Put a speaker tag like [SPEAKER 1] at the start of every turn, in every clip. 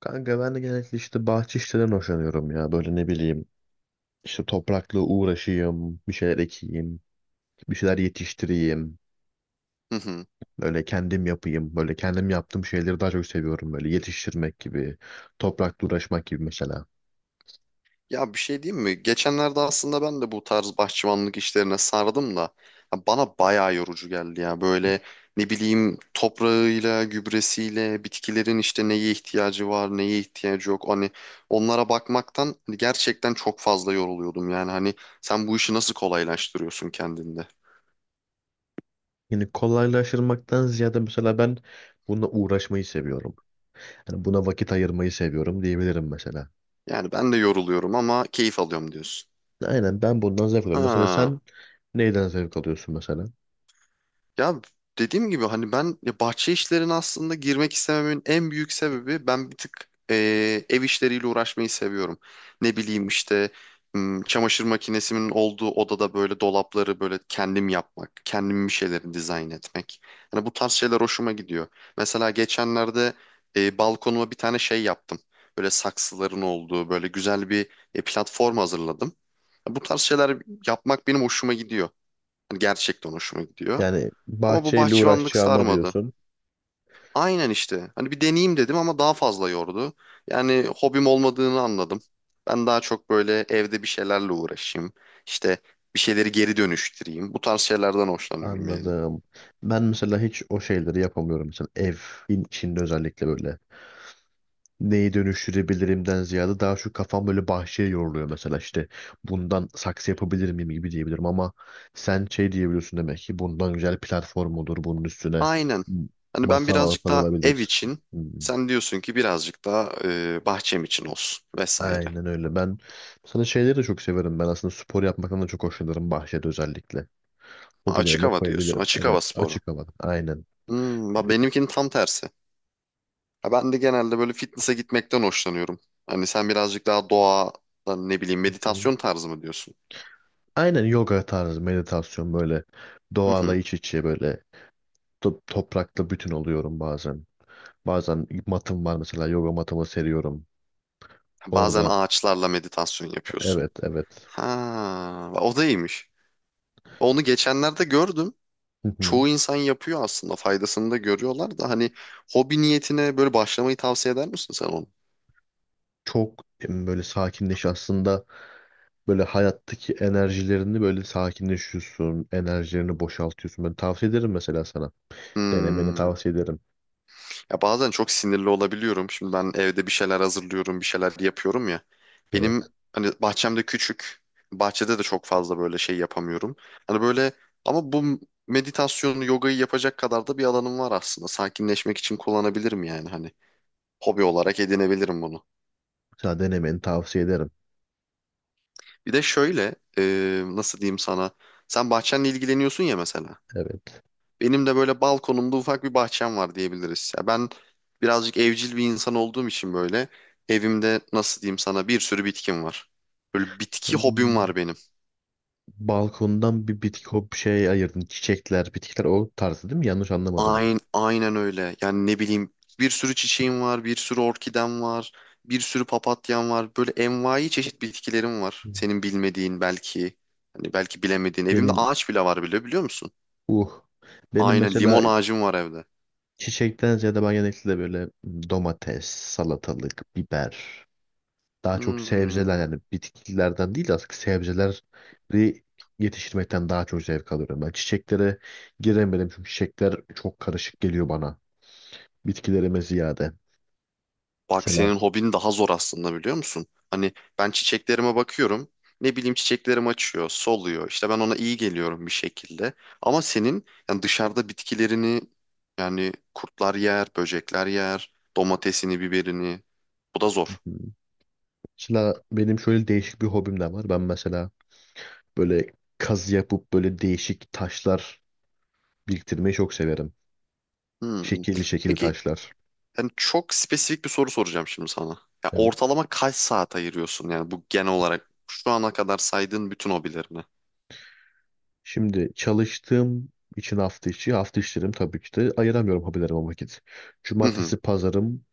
[SPEAKER 1] Kanka ben de genellikle işte bahçe işlerinden hoşlanıyorum ya. Böyle ne bileyim işte toprakla uğraşayım, bir şeyler ekeyim, bir şeyler yetiştireyim.
[SPEAKER 2] Hı hı.
[SPEAKER 1] Böyle kendim yapayım. Böyle kendim yaptığım şeyleri daha çok seviyorum. Böyle yetiştirmek gibi, toprakla uğraşmak gibi mesela.
[SPEAKER 2] Ya bir şey diyeyim mi? Geçenlerde aslında ben de bu tarz bahçıvanlık işlerine sardım da ya bana bayağı yorucu geldi ya. Böyle ne bileyim toprağıyla, gübresiyle, bitkilerin işte neye ihtiyacı var, neye ihtiyacı yok. Hani onlara bakmaktan gerçekten çok fazla yoruluyordum. Yani hani sen bu işi nasıl kolaylaştırıyorsun kendinde?
[SPEAKER 1] Yani kolaylaştırmaktan ziyade mesela ben bununla uğraşmayı seviyorum. Yani buna vakit ayırmayı seviyorum diyebilirim mesela.
[SPEAKER 2] Yani ben de yoruluyorum ama keyif alıyorum diyorsun.
[SPEAKER 1] Aynen ben bundan zevk alıyorum. Mesela
[SPEAKER 2] Ha.
[SPEAKER 1] sen neyden zevk alıyorsun mesela?
[SPEAKER 2] Ya dediğim gibi hani ben ya bahçe işlerine aslında girmek istememin en büyük sebebi ben bir tık ev işleriyle uğraşmayı seviyorum. Ne bileyim işte çamaşır makinesimin olduğu odada böyle dolapları böyle kendim yapmak, kendim bir şeyleri dizayn etmek. Hani bu tarz şeyler hoşuma gidiyor. Mesela geçenlerde balkonuma bir tane şey yaptım. Böyle saksıların olduğu böyle güzel bir platform hazırladım. Bu tarz şeyler yapmak benim hoşuma gidiyor. Hani gerçekten hoşuma gidiyor.
[SPEAKER 1] Yani
[SPEAKER 2] Ama bu
[SPEAKER 1] bahçeyle
[SPEAKER 2] bahçıvanlık
[SPEAKER 1] uğraşacağıma
[SPEAKER 2] sarmadı.
[SPEAKER 1] diyorsun.
[SPEAKER 2] Aynen işte. Hani bir deneyeyim dedim ama daha fazla yordu. Yani hobim olmadığını anladım. Ben daha çok böyle evde bir şeylerle uğraşayım. İşte bir şeyleri geri dönüştüreyim. Bu tarz şeylerden hoşlanıyorum yani.
[SPEAKER 1] Anladım. Ben mesela hiç o şeyleri yapamıyorum. Mesela evin içinde özellikle böyle. Neyi dönüştürebilirimden ziyade daha şu kafam böyle bahçeye yoruluyor mesela işte bundan saksı yapabilir miyim gibi diyebilirim ama sen şey diyebiliyorsun demek ki bundan güzel platform olur, bunun üstüne
[SPEAKER 2] Aynen. Hani ben
[SPEAKER 1] masa
[SPEAKER 2] birazcık daha ev
[SPEAKER 1] yapılabilir.
[SPEAKER 2] için,
[SPEAKER 1] Hmm.
[SPEAKER 2] sen diyorsun ki birazcık daha bahçem için olsun vesaire.
[SPEAKER 1] Aynen öyle. Ben sana şeyleri de çok severim. Ben aslında spor yapmaktan da çok hoşlanırım bahçede özellikle.
[SPEAKER 2] Ha, açık
[SPEAKER 1] Hobilerime
[SPEAKER 2] hava diyorsun.
[SPEAKER 1] koyabilirim.
[SPEAKER 2] Açık
[SPEAKER 1] Evet,
[SPEAKER 2] hava sporu.
[SPEAKER 1] açık havada. Aynen.
[SPEAKER 2] Bak benimkinin tam tersi. Ya ben de genelde böyle fitness'a gitmekten hoşlanıyorum. Hani sen birazcık daha doğa, ne bileyim meditasyon tarzı mı diyorsun?
[SPEAKER 1] Aynen yoga tarzı meditasyon, böyle
[SPEAKER 2] Hı
[SPEAKER 1] doğayla
[SPEAKER 2] hı.
[SPEAKER 1] iç içe, böyle toprakla bütün oluyorum bazen. Bazen matım var mesela, yoga matımı seriyorum.
[SPEAKER 2] Bazen
[SPEAKER 1] Orada
[SPEAKER 2] ağaçlarla meditasyon yapıyorsun.
[SPEAKER 1] evet, evet.
[SPEAKER 2] Ha, o da iyiymiş. Onu geçenlerde gördüm.
[SPEAKER 1] Hı hı.
[SPEAKER 2] Çoğu insan yapıyor aslında. Faydasını da görüyorlar da hani hobi niyetine böyle başlamayı tavsiye eder misin sen onu?
[SPEAKER 1] Çok böyle sakinleş aslında, böyle hayattaki enerjilerini böyle sakinleşiyorsun. Enerjilerini boşaltıyorsun. Ben tavsiye ederim mesela sana. Denemeni
[SPEAKER 2] Hmm.
[SPEAKER 1] tavsiye ederim.
[SPEAKER 2] Ya bazen çok sinirli olabiliyorum. Şimdi ben evde bir şeyler hazırlıyorum, bir şeyler yapıyorum ya.
[SPEAKER 1] Evet.
[SPEAKER 2] Benim hani bahçem de küçük. Bahçede de çok fazla böyle şey yapamıyorum. Hani böyle ama bu meditasyonu, yogayı yapacak kadar da bir alanım var aslında. Sakinleşmek için kullanabilirim yani hani. Hobi olarak edinebilirim bunu.
[SPEAKER 1] Sana denemeni tavsiye ederim.
[SPEAKER 2] Bir de şöyle, nasıl diyeyim sana? Sen bahçenle ilgileniyorsun ya mesela.
[SPEAKER 1] Evet.
[SPEAKER 2] Benim de böyle balkonumda ufak bir bahçem var diyebiliriz. Ya ben birazcık evcil bir insan olduğum için böyle evimde nasıl diyeyim sana bir sürü bitkim var. Böyle bitki hobim
[SPEAKER 1] Hmm.
[SPEAKER 2] var benim.
[SPEAKER 1] Balkondan bir bitki hop şey ayırdın. Çiçekler, bitkiler o tarzı değil mi? Yanlış anlamadım.
[SPEAKER 2] Aynen, aynen öyle. Yani ne bileyim bir sürü çiçeğim var, bir sürü orkidem var, bir sürü papatyam var. Böyle envai çeşit bitkilerim var.
[SPEAKER 1] Ben.
[SPEAKER 2] Senin bilmediğin belki, hani belki bilemediğin. Evimde
[SPEAKER 1] Benim
[SPEAKER 2] ağaç bile var bile biliyor musun?
[SPEAKER 1] uh. Benim
[SPEAKER 2] Aynen
[SPEAKER 1] mesela
[SPEAKER 2] limon ağacım var evde.
[SPEAKER 1] çiçekten ziyade ben genellikle böyle domates, salatalık, biber. Daha çok sebzeler,
[SPEAKER 2] Hmm.
[SPEAKER 1] yani bitkilerden değil de aslında sebzeleri yetiştirmekten daha çok zevk alıyorum. Ben çiçeklere giremedim çünkü çiçekler çok karışık geliyor bana. Bitkilerime ziyade.
[SPEAKER 2] Bak
[SPEAKER 1] Mesela,
[SPEAKER 2] senin hobin daha zor aslında biliyor musun? Hani ben çiçeklerime bakıyorum. Ne bileyim çiçeklerim açıyor, soluyor. İşte ben ona iyi geliyorum bir şekilde. Ama senin yani dışarıda bitkilerini yani kurtlar yer, böcekler yer, domatesini, biberini. Bu da zor.
[SPEAKER 1] benim şöyle değişik bir hobim de var. Ben mesela böyle kazı yapıp böyle değişik taşlar biriktirmeyi çok severim.
[SPEAKER 2] Hmm.
[SPEAKER 1] Şekilli şekilli
[SPEAKER 2] Peki
[SPEAKER 1] taşlar.
[SPEAKER 2] yani çok spesifik bir soru soracağım şimdi sana. Ya
[SPEAKER 1] Evet.
[SPEAKER 2] ortalama kaç saat ayırıyorsun yani bu genel olarak şu ana kadar saydığın bütün hobilerine?
[SPEAKER 1] Şimdi çalıştığım için hafta içlerim tabii ki de ayıramıyorum hobilerime vakit.
[SPEAKER 2] Hı hı.
[SPEAKER 1] Cumartesi pazarım,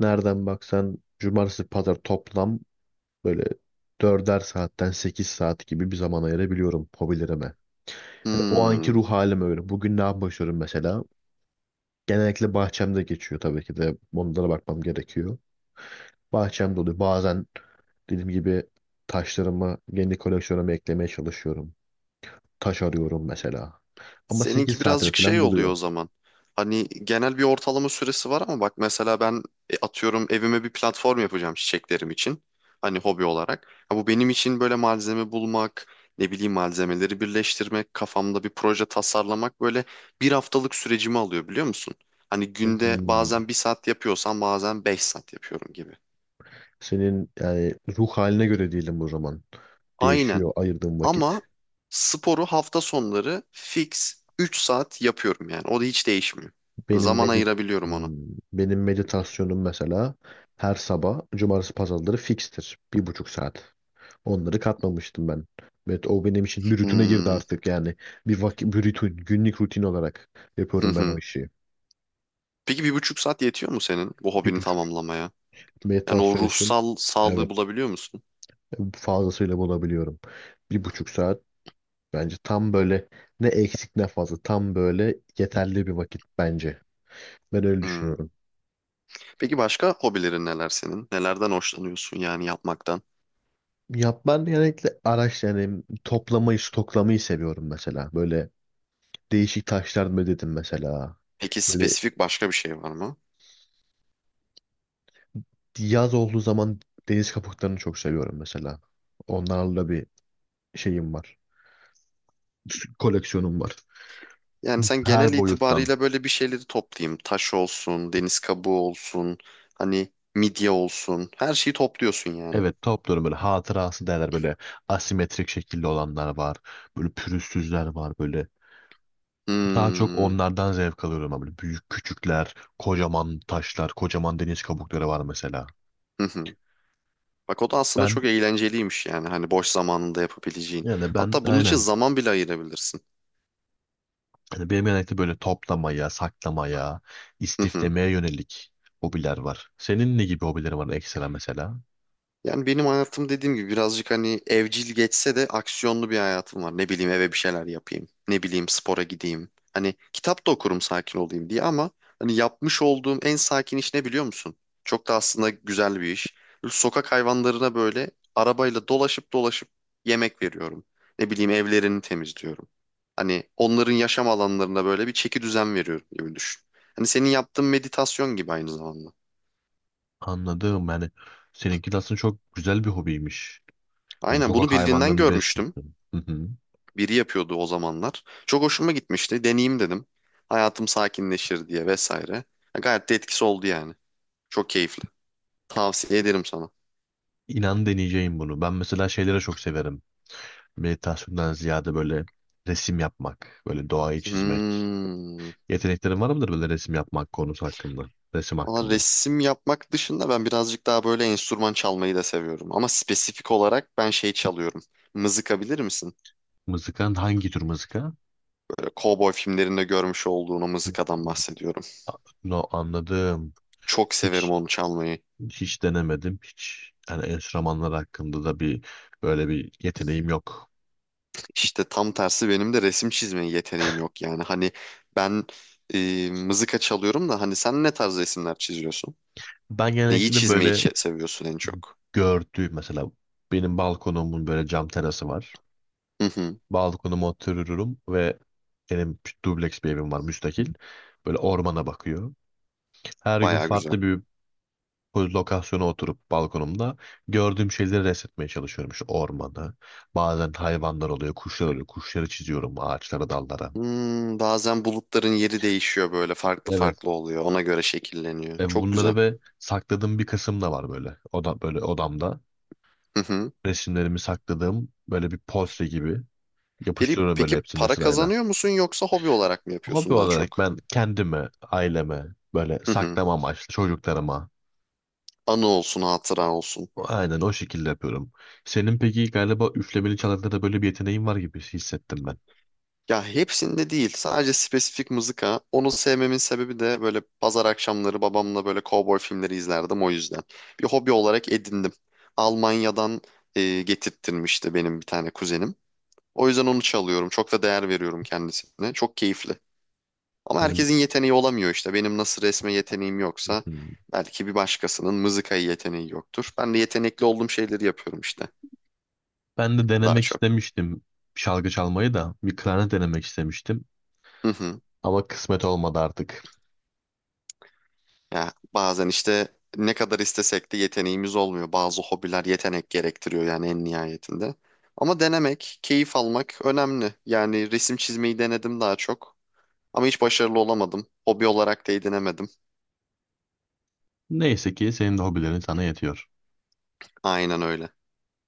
[SPEAKER 1] nereden baksan cumartesi pazar toplam böyle 4'er saatten 8 saat gibi bir zaman ayırabiliyorum hobilerime. Hani o anki
[SPEAKER 2] Hmm.
[SPEAKER 1] ruh halim öyle. Bugün ne yapmışıyorum mesela? Genellikle bahçemde geçiyor tabii ki de. Onlara bakmam gerekiyor. Bahçemde oluyor. Bazen dediğim gibi taşlarımı kendi koleksiyonuma eklemeye çalışıyorum. Taş arıyorum mesela. Ama 8
[SPEAKER 2] Seninki
[SPEAKER 1] saatimi
[SPEAKER 2] birazcık şey
[SPEAKER 1] falan
[SPEAKER 2] oluyor
[SPEAKER 1] buluyor.
[SPEAKER 2] o zaman. Hani genel bir ortalama süresi var ama bak mesela ben atıyorum evime bir platform yapacağım çiçeklerim için. Hani hobi olarak. Ha, bu benim için böyle malzeme bulmak, ne bileyim malzemeleri birleştirmek, kafamda bir proje tasarlamak böyle bir haftalık sürecimi alıyor biliyor musun? Hani günde
[SPEAKER 1] Hmm.
[SPEAKER 2] bazen 1 saat yapıyorsam bazen 5 saat yapıyorum gibi.
[SPEAKER 1] Senin yani ruh haline göre değilim o zaman.
[SPEAKER 2] Aynen
[SPEAKER 1] Değişiyor ayırdığım vakit.
[SPEAKER 2] ama sporu hafta sonları fix 3 saat yapıyorum yani o da hiç değişmiyor. Yani
[SPEAKER 1] Benim
[SPEAKER 2] zaman
[SPEAKER 1] medit
[SPEAKER 2] ayırabiliyorum ona.
[SPEAKER 1] Hmm, benim meditasyonum mesela her sabah cumartesi pazarları fikstir. 1,5 saat. Onları katmamıştım ben. Evet, o benim için bir rutine girdi
[SPEAKER 2] Hmm.
[SPEAKER 1] artık yani. Bir vakit, bir rutin, günlük rutin olarak
[SPEAKER 2] Hı
[SPEAKER 1] yapıyorum ben o
[SPEAKER 2] hı.
[SPEAKER 1] işi.
[SPEAKER 2] Peki 1,5 saat yetiyor mu senin bu
[SPEAKER 1] Bir
[SPEAKER 2] hobini
[SPEAKER 1] buçuk
[SPEAKER 2] tamamlamaya? Yani o
[SPEAKER 1] Meditasyon için
[SPEAKER 2] ruhsal sağlığı
[SPEAKER 1] evet,
[SPEAKER 2] bulabiliyor musun?
[SPEAKER 1] fazlasıyla bulabiliyorum. Bir buçuk saat bence tam böyle ne eksik ne fazla, tam böyle yeterli bir vakit bence. Ben öyle
[SPEAKER 2] Hmm.
[SPEAKER 1] düşünüyorum.
[SPEAKER 2] Peki başka hobilerin neler senin? Nelerden hoşlanıyorsun yani yapmaktan?
[SPEAKER 1] Ya ben genellikle yani toplamayı, stoklamayı seviyorum mesela. Böyle değişik taşlar mı dedim mesela.
[SPEAKER 2] Peki
[SPEAKER 1] Böyle
[SPEAKER 2] spesifik başka bir şey var mı?
[SPEAKER 1] yaz olduğu zaman deniz kabuklarını çok seviyorum mesela. Onlarla bir şeyim var. Koleksiyonum var.
[SPEAKER 2] Yani sen
[SPEAKER 1] Her
[SPEAKER 2] genel
[SPEAKER 1] boyuttan.
[SPEAKER 2] itibariyle böyle bir şeyleri toplayayım. Taş olsun, deniz kabuğu olsun, hani midye olsun. Her şeyi topluyorsun yani.
[SPEAKER 1] Evet, topluyorum, böyle hatırası derler, böyle asimetrik şekilde olanlar var. Böyle pürüzsüzler var böyle. Daha çok
[SPEAKER 2] Hmm.
[SPEAKER 1] onlardan zevk alıyorum ama böyle büyük küçükler, kocaman taşlar, kocaman deniz kabukları var mesela.
[SPEAKER 2] Hı hı. Bak o da aslında
[SPEAKER 1] Ben
[SPEAKER 2] çok eğlenceliymiş yani. Hani boş zamanında yapabileceğin.
[SPEAKER 1] yani ben
[SPEAKER 2] Hatta bunun için
[SPEAKER 1] aynen
[SPEAKER 2] zaman bile ayırabilirsin.
[SPEAKER 1] benim genellikle böyle toplamaya, saklamaya,
[SPEAKER 2] Hı hı.
[SPEAKER 1] istiflemeye yönelik hobiler var. Senin ne gibi hobilerin var ekstra mesela?
[SPEAKER 2] Yani benim hayatım dediğim gibi birazcık hani evcil geçse de aksiyonlu bir hayatım var. Ne bileyim eve bir şeyler yapayım. Ne bileyim spora gideyim. Hani kitap da okurum sakin olayım diye ama hani yapmış olduğum en sakin iş ne biliyor musun? Çok da aslında güzel bir iş. Böyle sokak hayvanlarına böyle arabayla dolaşıp dolaşıp yemek veriyorum. Ne bileyim evlerini temizliyorum. Hani onların yaşam alanlarına böyle bir çeki düzen veriyorum gibi düşün. Hani senin yaptığın meditasyon gibi aynı zamanda.
[SPEAKER 1] Anladım, yani seninki de aslında çok güzel bir hobiymiş. Yani
[SPEAKER 2] Aynen bunu
[SPEAKER 1] sokak
[SPEAKER 2] birinden
[SPEAKER 1] hayvanlarını
[SPEAKER 2] görmüştüm.
[SPEAKER 1] besliyorsun. Hı hı.
[SPEAKER 2] Biri yapıyordu o zamanlar. Çok hoşuma gitmişti. Deneyeyim dedim. Hayatım sakinleşir diye vesaire. Ya gayet de etkisi oldu yani. Çok keyifli. Tavsiye ederim sana.
[SPEAKER 1] İnan deneyeceğim bunu. Ben mesela şeylere çok severim. Meditasyondan ziyade böyle resim yapmak, böyle doğayı çizmek.
[SPEAKER 2] Hmm.
[SPEAKER 1] Yeteneklerin var mıdır böyle resim yapmak konusu hakkında? Resim
[SPEAKER 2] Valla
[SPEAKER 1] hakkında.
[SPEAKER 2] resim yapmak dışında ben birazcık daha böyle enstrüman çalmayı da seviyorum. Ama spesifik olarak ben şey çalıyorum. Mızıka bilir misin?
[SPEAKER 1] Mızıkan, hangi tür mızıka?
[SPEAKER 2] Böyle kovboy filmlerinde görmüş olduğun o mızıkadan bahsediyorum.
[SPEAKER 1] No, anladım.
[SPEAKER 2] Çok severim
[SPEAKER 1] Hiç
[SPEAKER 2] onu çalmayı.
[SPEAKER 1] hiç denemedim. Hiç, yani enstrümanlar hakkında da bir böyle bir yeteneğim yok.
[SPEAKER 2] İşte tam tersi benim de resim çizme yeteneğim yok yani. Hani ben mızıka çalıyorum da hani sen ne tarz resimler çiziyorsun?
[SPEAKER 1] Ben
[SPEAKER 2] Neyi
[SPEAKER 1] genellikle
[SPEAKER 2] çizmeyi
[SPEAKER 1] böyle
[SPEAKER 2] seviyorsun en çok?
[SPEAKER 1] gördüğüm mesela, benim balkonumun böyle cam terası var.
[SPEAKER 2] Hı hı,
[SPEAKER 1] Balkonuma otururum ve benim dubleks bir evim var, müstakil. Böyle ormana bakıyor. Her gün
[SPEAKER 2] bayağı güzel.
[SPEAKER 1] farklı bir lokasyona oturup balkonumda gördüğüm şeyleri resmetmeye çalışıyorum. İşte ormanı. Bazen hayvanlar oluyor, kuşlar oluyor. Kuşları çiziyorum ağaçlara, dallara.
[SPEAKER 2] Bazen bulutların yeri değişiyor böyle farklı
[SPEAKER 1] Evet.
[SPEAKER 2] farklı oluyor. Ona göre şekilleniyor.
[SPEAKER 1] E
[SPEAKER 2] Çok güzel.
[SPEAKER 1] bunları ve sakladığım bir kısım da var böyle. Böyle odamda.
[SPEAKER 2] Hı hı.
[SPEAKER 1] Resimlerimi sakladığım böyle bir portre gibi
[SPEAKER 2] Peki,
[SPEAKER 1] yapıştırıyorum böyle
[SPEAKER 2] peki
[SPEAKER 1] hepsini
[SPEAKER 2] para
[SPEAKER 1] sırayla.
[SPEAKER 2] kazanıyor musun yoksa hobi olarak mı
[SPEAKER 1] Hobi
[SPEAKER 2] yapıyorsun daha
[SPEAKER 1] olarak
[SPEAKER 2] çok?
[SPEAKER 1] ben kendimi, aileme böyle
[SPEAKER 2] Hı hı.
[SPEAKER 1] saklama amaçlı, çocuklarıma
[SPEAKER 2] Anı olsun, hatıra olsun.
[SPEAKER 1] aynen o şekilde yapıyorum. Senin peki galiba üflemeli çalarda da böyle bir yeteneğin var gibi hissettim ben.
[SPEAKER 2] Ya hepsinde değil. Sadece spesifik mızıka. Onu sevmemin sebebi de böyle pazar akşamları babamla böyle kovboy filmleri izlerdim o yüzden. Bir hobi olarak edindim. Almanya'dan getirttirmişti benim bir tane kuzenim. O yüzden onu çalıyorum. Çok da değer veriyorum kendisine. Çok keyifli. Ama
[SPEAKER 1] Yani
[SPEAKER 2] herkesin yeteneği olamıyor işte. Benim nasıl resme yeteneğim yoksa
[SPEAKER 1] hmm,
[SPEAKER 2] belki bir başkasının mızıkaya yeteneği yoktur. Ben de yetenekli olduğum şeyleri yapıyorum işte
[SPEAKER 1] ben de
[SPEAKER 2] daha
[SPEAKER 1] denemek
[SPEAKER 2] çok.
[SPEAKER 1] istemiştim, şalgı çalmayı da, bir klarnet denemek istemiştim ama kısmet olmadı artık.
[SPEAKER 2] Ya bazen işte ne kadar istesek de yeteneğimiz olmuyor. Bazı hobiler yetenek gerektiriyor yani en nihayetinde. Ama denemek, keyif almak önemli. Yani resim çizmeyi denedim daha çok. Ama hiç başarılı olamadım. Hobi olarak da edinemedim.
[SPEAKER 1] Neyse ki senin de hobilerin sana yetiyor.
[SPEAKER 2] Aynen öyle.